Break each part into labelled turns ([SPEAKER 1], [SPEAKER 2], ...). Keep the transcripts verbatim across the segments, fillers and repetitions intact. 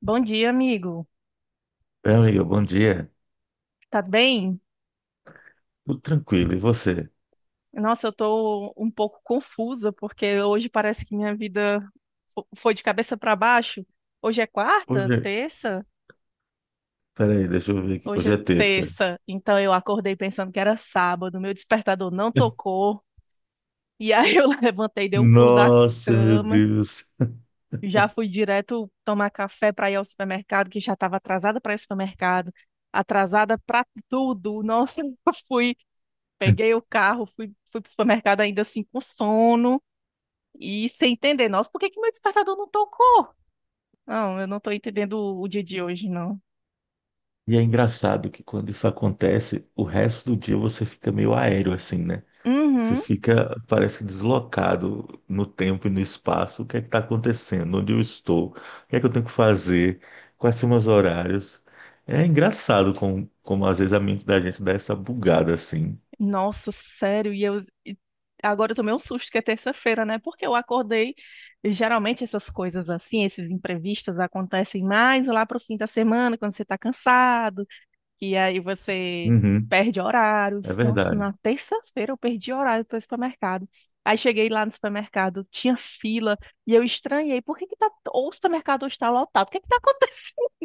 [SPEAKER 1] Bom dia, amigo.
[SPEAKER 2] Meu amigo, bom dia.
[SPEAKER 1] Tá bem?
[SPEAKER 2] Tudo tranquilo, e você?
[SPEAKER 1] Nossa, eu tô um pouco confusa porque hoje parece que minha vida fo- foi de cabeça para baixo. Hoje é quarta,
[SPEAKER 2] Hoje, é-
[SPEAKER 1] terça?
[SPEAKER 2] Peraí, deixa eu ver aqui.
[SPEAKER 1] Hoje
[SPEAKER 2] Hoje é
[SPEAKER 1] é
[SPEAKER 2] terça.
[SPEAKER 1] terça. Então eu acordei pensando que era sábado, meu despertador não tocou. E aí eu levantei, dei um pulo da
[SPEAKER 2] Nossa, meu
[SPEAKER 1] cama,
[SPEAKER 2] Deus.
[SPEAKER 1] já fui direto tomar café para ir ao supermercado, que já estava atrasada para ir ao supermercado, atrasada para tudo. Nossa, eu fui peguei o carro, fui, fui pro supermercado ainda assim com sono e sem entender. Nossa, por que que meu despertador não tocou? Não, eu não tô entendendo o, o dia de hoje, não.
[SPEAKER 2] E é engraçado que quando isso acontece, o resto do dia você fica meio aéreo assim, né? Você
[SPEAKER 1] Uhum.
[SPEAKER 2] fica, parece que deslocado no tempo e no espaço. O que é que tá acontecendo? Onde eu estou? O que é que eu tenho que fazer? Quais são meus horários? É engraçado como, como às vezes a mente da gente dá essa bugada assim.
[SPEAKER 1] Nossa, sério. E eu e Agora eu tomei um susto que é terça-feira, né? Porque eu acordei. e Geralmente essas coisas assim, esses imprevistos acontecem mais lá pro fim da semana, quando você tá cansado que aí você
[SPEAKER 2] Uhum,
[SPEAKER 1] perde
[SPEAKER 2] é
[SPEAKER 1] horários. Nossa,
[SPEAKER 2] verdade.
[SPEAKER 1] na terça-feira eu perdi horário para o supermercado. Aí cheguei lá no supermercado, tinha fila, e eu estranhei, por que que tá, ou o supermercado hoje está lotado? O que que tá acontecendo?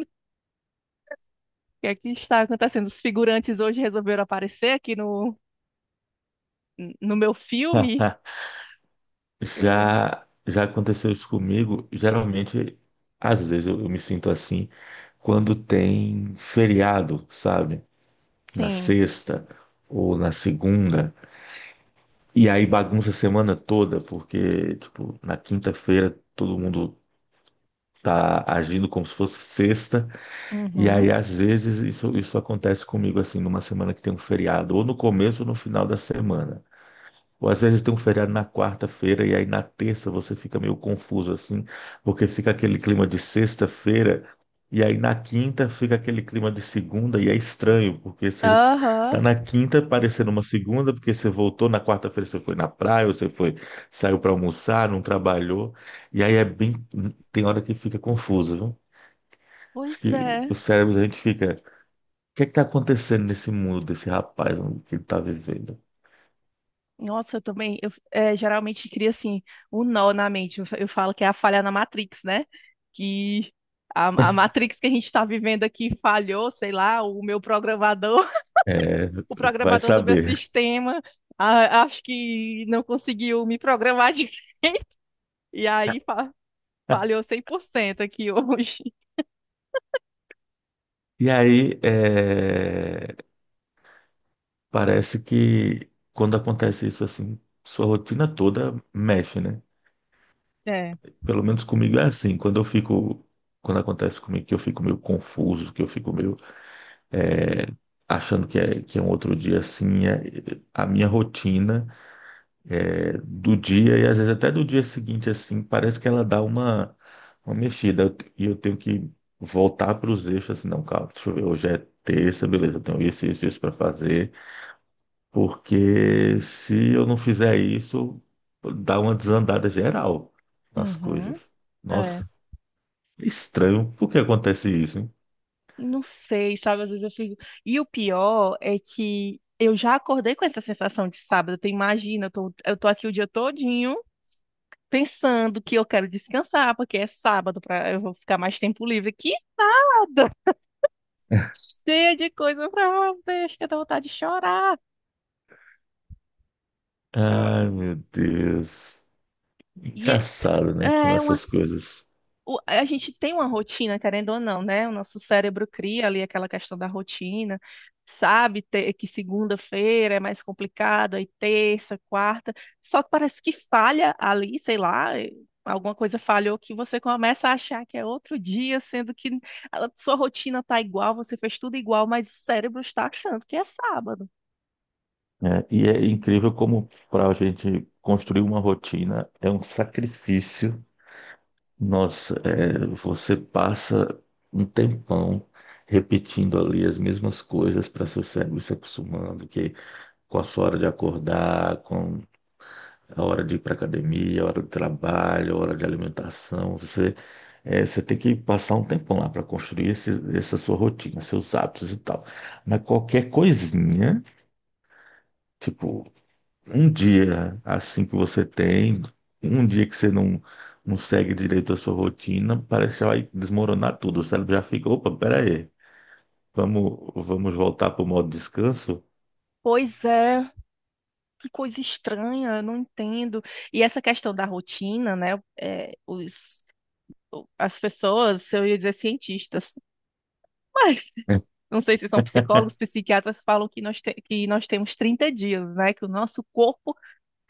[SPEAKER 1] O que é que está acontecendo? Os figurantes hoje resolveram aparecer aqui no, no meu filme? Eu-
[SPEAKER 2] Já, já aconteceu isso comigo. Geralmente, às vezes eu, eu me sinto assim quando tem feriado, sabe? Na
[SPEAKER 1] Sim.
[SPEAKER 2] sexta ou na segunda. E aí bagunça a semana toda, porque, tipo, na quinta-feira todo mundo tá agindo como se fosse sexta. E
[SPEAKER 1] Uhum.
[SPEAKER 2] aí, às vezes, isso, isso acontece comigo, assim, numa semana que tem um feriado, ou no começo ou no final da semana. Ou às vezes tem um feriado na quarta-feira e aí na terça você fica meio confuso assim, porque fica aquele clima de sexta-feira e aí na quinta fica aquele clima de segunda e é estranho, porque você tá
[SPEAKER 1] Aham.
[SPEAKER 2] na quinta parecendo uma segunda, porque você voltou na quarta-feira, você foi na praia, ou você foi, saiu para almoçar, não trabalhou, e aí é bem, tem hora que fica confuso, viu? Acho
[SPEAKER 1] Pois
[SPEAKER 2] que
[SPEAKER 1] é.
[SPEAKER 2] o cérebro da gente fica, o que é que tá acontecendo nesse mundo desse rapaz que ele tá vivendo?
[SPEAKER 1] Nossa, eu também, eu é, geralmente cria assim, um nó na mente. Eu, fa- eu falo que é a falha na Matrix, né? Que a, a Matrix que a gente está vivendo aqui falhou, sei lá, o meu programador,
[SPEAKER 2] É,
[SPEAKER 1] o
[SPEAKER 2] vai
[SPEAKER 1] programador do meu
[SPEAKER 2] saber.
[SPEAKER 1] sistema, a- acho que não conseguiu me programar de... E aí fa- falhou cem por cento aqui hoje.
[SPEAKER 2] E aí, é, parece que quando acontece isso assim, sua rotina toda mexe, né?
[SPEAKER 1] É.
[SPEAKER 2] Pelo menos comigo é assim. Quando eu fico, quando acontece comigo que eu fico meio confuso, que eu fico meio é, achando que é, que é um outro dia assim, é- a minha rotina é, do dia e às vezes até do dia seguinte assim, parece que ela dá uma, uma mexida. Eu te- e eu tenho que voltar para os eixos assim, não, calma, deixa eu ver, hoje é terça, beleza, eu tenho isso, isso, isso para fazer. Porque se eu não fizer isso, dá uma desandada geral nas
[SPEAKER 1] Uhum.
[SPEAKER 2] coisas. Nossa, é estranho. Por que acontece isso, hein?
[SPEAKER 1] Não sei, sabe? Às vezes eu fico. E o pior é que eu já acordei com essa sensação de sábado. Tu imagina, eu tô, eu tô aqui o dia todinho pensando que eu quero descansar, porque é sábado, pra, eu vou ficar mais tempo livre. Que sábado! Cheia de coisa pra fazer, acho que dá vontade de chorar.
[SPEAKER 2] Ai, meu Deus.
[SPEAKER 1] E é
[SPEAKER 2] Engraçado, né? Como
[SPEAKER 1] é uma
[SPEAKER 2] essas coisas.
[SPEAKER 1] o- a gente tem uma rotina, querendo ou não, né? O nosso cérebro cria ali aquela questão da rotina, sabe ter- que segunda-feira é mais complicado, aí terça, quarta, só que parece que falha ali, sei lá, eh, alguma coisa falhou que você começa a achar que é outro dia, sendo que a sua rotina tá igual, você fez tudo igual, mas o cérebro está achando que é sábado.
[SPEAKER 2] É, e é incrível como para a gente construir uma rotina é um sacrifício. Nossa, é, você passa um tempão repetindo ali as mesmas coisas para seu cérebro se acostumando, que com a sua hora de acordar, com a hora de ir para academia, a hora do trabalho, a hora de alimentação. Você, eh, você tem que passar um tempão lá para construir esse, essa sua rotina, seus hábitos e tal. Mas qualquer coisinha, tipo, um dia assim que você tem, um dia que você não, não segue direito a sua rotina, parece que vai desmoronar tudo. O cérebro já fica, opa, peraí, vamos, vamos voltar para o modo descanso?
[SPEAKER 1] Pois é, que coisa estranha, eu não entendo. E essa questão da rotina, né? eh, os as pessoas, eu ia dizer cientistas, mas não sei se são psicólogos, psiquiatras falam que nós, te- que nós temos trinta dias, né? Que o nosso corpo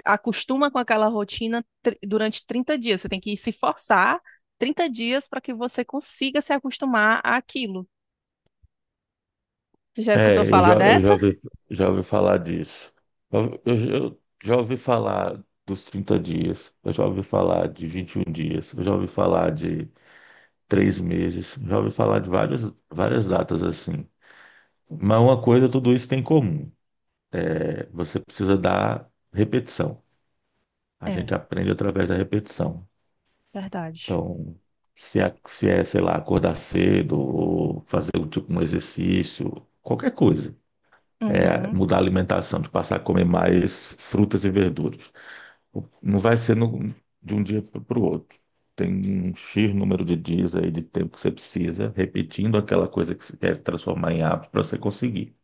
[SPEAKER 1] acostuma com aquela rotina tr- durante trinta dias. Você tem que se forçar trinta dias para que você consiga se acostumar àquilo. Você já escutou
[SPEAKER 2] É, eu
[SPEAKER 1] falar
[SPEAKER 2] já, eu
[SPEAKER 1] dessa?
[SPEAKER 2] já ouvi, já ouvi falar disso. Eu, eu- eu já ouvi falar dos trinta dias, eu já ouvi falar de vinte e um dias, eu já ouvi falar de três meses, já ouvi falar de várias, várias datas assim. Mas uma coisa tudo isso tem em comum, é, você precisa dar repetição. A
[SPEAKER 1] É,
[SPEAKER 2] gente aprende através da repetição.
[SPEAKER 1] verdade.
[SPEAKER 2] Então, se é, se é, sei lá, acordar cedo, ou fazer um tipo um exercício, qualquer coisa. É,
[SPEAKER 1] Uhum,
[SPEAKER 2] mudar a alimentação, de passar a comer mais frutas e verduras. Não vai ser no- De um dia para o outro. Tem um X número de dias aí de tempo que você precisa, repetindo aquela coisa que você quer transformar em hábito para você conseguir.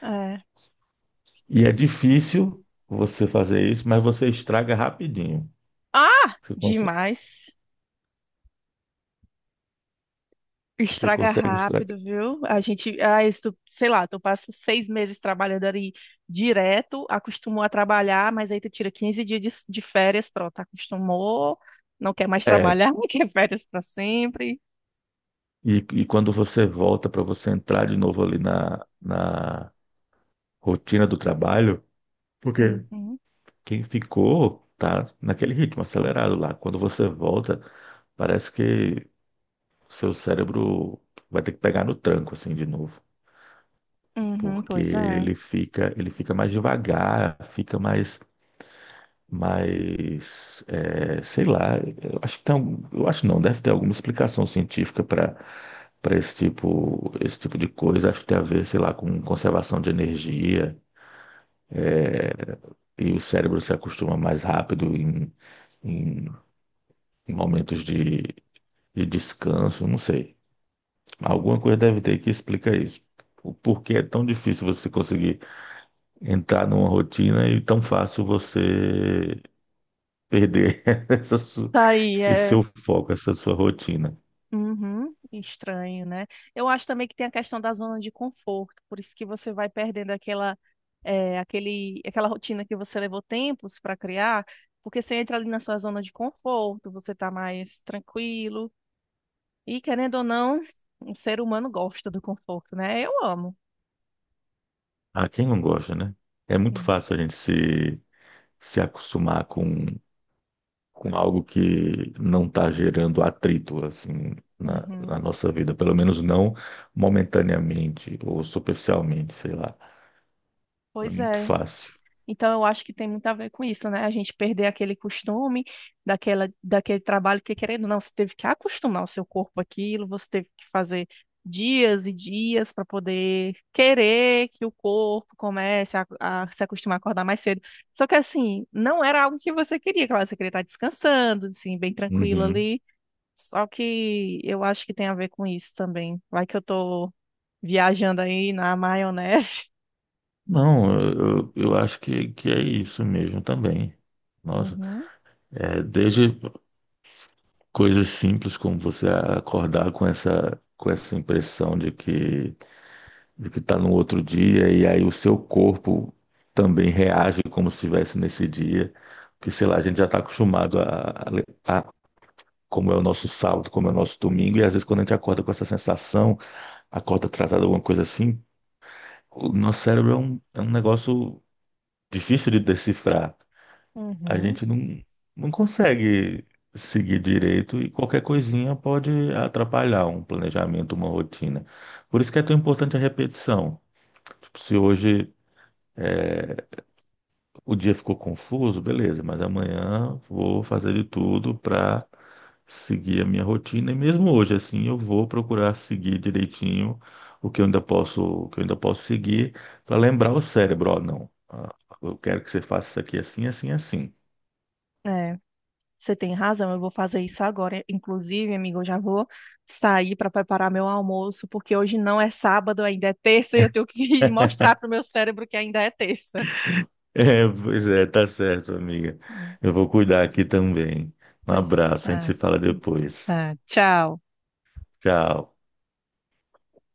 [SPEAKER 1] é.
[SPEAKER 2] E é difícil você fazer isso, mas você estraga rapidinho.
[SPEAKER 1] Ah,
[SPEAKER 2] Você consegue,
[SPEAKER 1] demais.
[SPEAKER 2] você
[SPEAKER 1] Estraga
[SPEAKER 2] consegue estragar.
[SPEAKER 1] rápido, viu? A gente, ah, isso, tu- sei lá, tu passa seis meses trabalhando ali direto, acostumou a trabalhar, mas aí tu tira quinze dias de, de férias, pronto, acostumou, não quer mais
[SPEAKER 2] É.
[SPEAKER 1] trabalhar, não quer férias para sempre.
[SPEAKER 2] E, e quando você volta para você entrar de novo ali na, na rotina do trabalho, porque
[SPEAKER 1] Uhum,
[SPEAKER 2] quem ficou tá naquele ritmo acelerado lá. Quando você volta, parece que seu cérebro vai ter que pegar no tranco assim de novo,
[SPEAKER 1] uhum,
[SPEAKER 2] porque
[SPEAKER 1] pois é.
[SPEAKER 2] ele fica, ele fica mais devagar, fica mais, mais, é, sei lá. Eu acho que tem, algum- eu acho não, deve ter alguma explicação científica para para esse tipo, esse tipo de coisa. Acho que tem a ver, sei lá, com conservação de energia e o cérebro se acostuma mais rápido em, em, em momentos de de descanso, não sei. Alguma coisa deve ter que explicar isso. O porquê é tão difícil você conseguir entrar numa rotina e tão fácil você perder essa su-
[SPEAKER 1] Tá aí,
[SPEAKER 2] esse
[SPEAKER 1] é.
[SPEAKER 2] seu foco, essa sua rotina.
[SPEAKER 1] Uhum, estranho, né? Eu acho também que tem a questão da zona de conforto, por isso que você vai perdendo aquela, eh, aquele, aquela rotina que você levou tempos para criar, porque você entra ali na sua zona de conforto, você tá mais tranquilo, e querendo ou não, o ser humano gosta do conforto, né? Eu amo.
[SPEAKER 2] Ah, quem não gosta, né? É muito
[SPEAKER 1] Hum.
[SPEAKER 2] fácil a gente se, se acostumar com, com algo que não está gerando atrito, assim, na, na
[SPEAKER 1] Uhum.
[SPEAKER 2] nossa vida. Pelo menos não momentaneamente ou superficialmente, sei lá. É
[SPEAKER 1] Pois
[SPEAKER 2] muito
[SPEAKER 1] é.
[SPEAKER 2] fácil.
[SPEAKER 1] Então, eu acho que tem muito a ver com isso, né? A gente perder aquele costume, daquela, daquele trabalho que, querendo ou não, você teve que acostumar o seu corpo àquilo, você teve que fazer dias e dias para poder querer que o corpo comece a, a se acostumar a acordar mais cedo. Só que, assim, não era algo que você queria, claro, você queria estar descansando, assim, bem tranquilo
[SPEAKER 2] Uhum.
[SPEAKER 1] ali. Só que eu acho que tem a ver com isso também. Vai que eu tô viajando aí na maionese.
[SPEAKER 2] Não, eu, eu acho que, que é isso mesmo também. Nossa,
[SPEAKER 1] Uhum,
[SPEAKER 2] é, desde coisas simples como você acordar com essa, com essa impressão de que de que está no outro dia e aí o seu corpo também reage como se estivesse nesse dia, que sei lá, a gente já está acostumado a, a, le- a- como é o nosso sábado, como é o nosso domingo, e às vezes quando a gente acorda com essa sensação, acorda atrasado, alguma coisa assim, o nosso cérebro é um, é um negócio difícil de decifrar. A
[SPEAKER 1] uhum.
[SPEAKER 2] gente não, não consegue seguir direito e qualquer coisinha pode atrapalhar um planejamento, uma rotina. Por isso que é tão importante a repetição. Tipo, se hoje é, o dia ficou confuso, beleza, mas amanhã vou fazer de tudo para seguir a minha rotina. E mesmo hoje, assim, eu vou procurar seguir direitinho o que eu ainda posso, o que eu ainda posso seguir para lembrar o cérebro, ó, não. ah, Eu quero que você faça isso aqui assim, assim, assim.
[SPEAKER 1] É, você tem razão, eu vou fazer isso agora. Inclusive, amigo, eu já vou sair para preparar meu almoço, porque hoje não é sábado, ainda é terça, e eu tenho que mostrar para o meu cérebro que ainda é terça.
[SPEAKER 2] É, pois é, tá certo, amiga.
[SPEAKER 1] Hum.
[SPEAKER 2] Eu vou cuidar aqui também. Um
[SPEAKER 1] Pois,
[SPEAKER 2] abraço, a gente
[SPEAKER 1] ah,
[SPEAKER 2] se fala depois.
[SPEAKER 1] ah, tchau.
[SPEAKER 2] Tchau.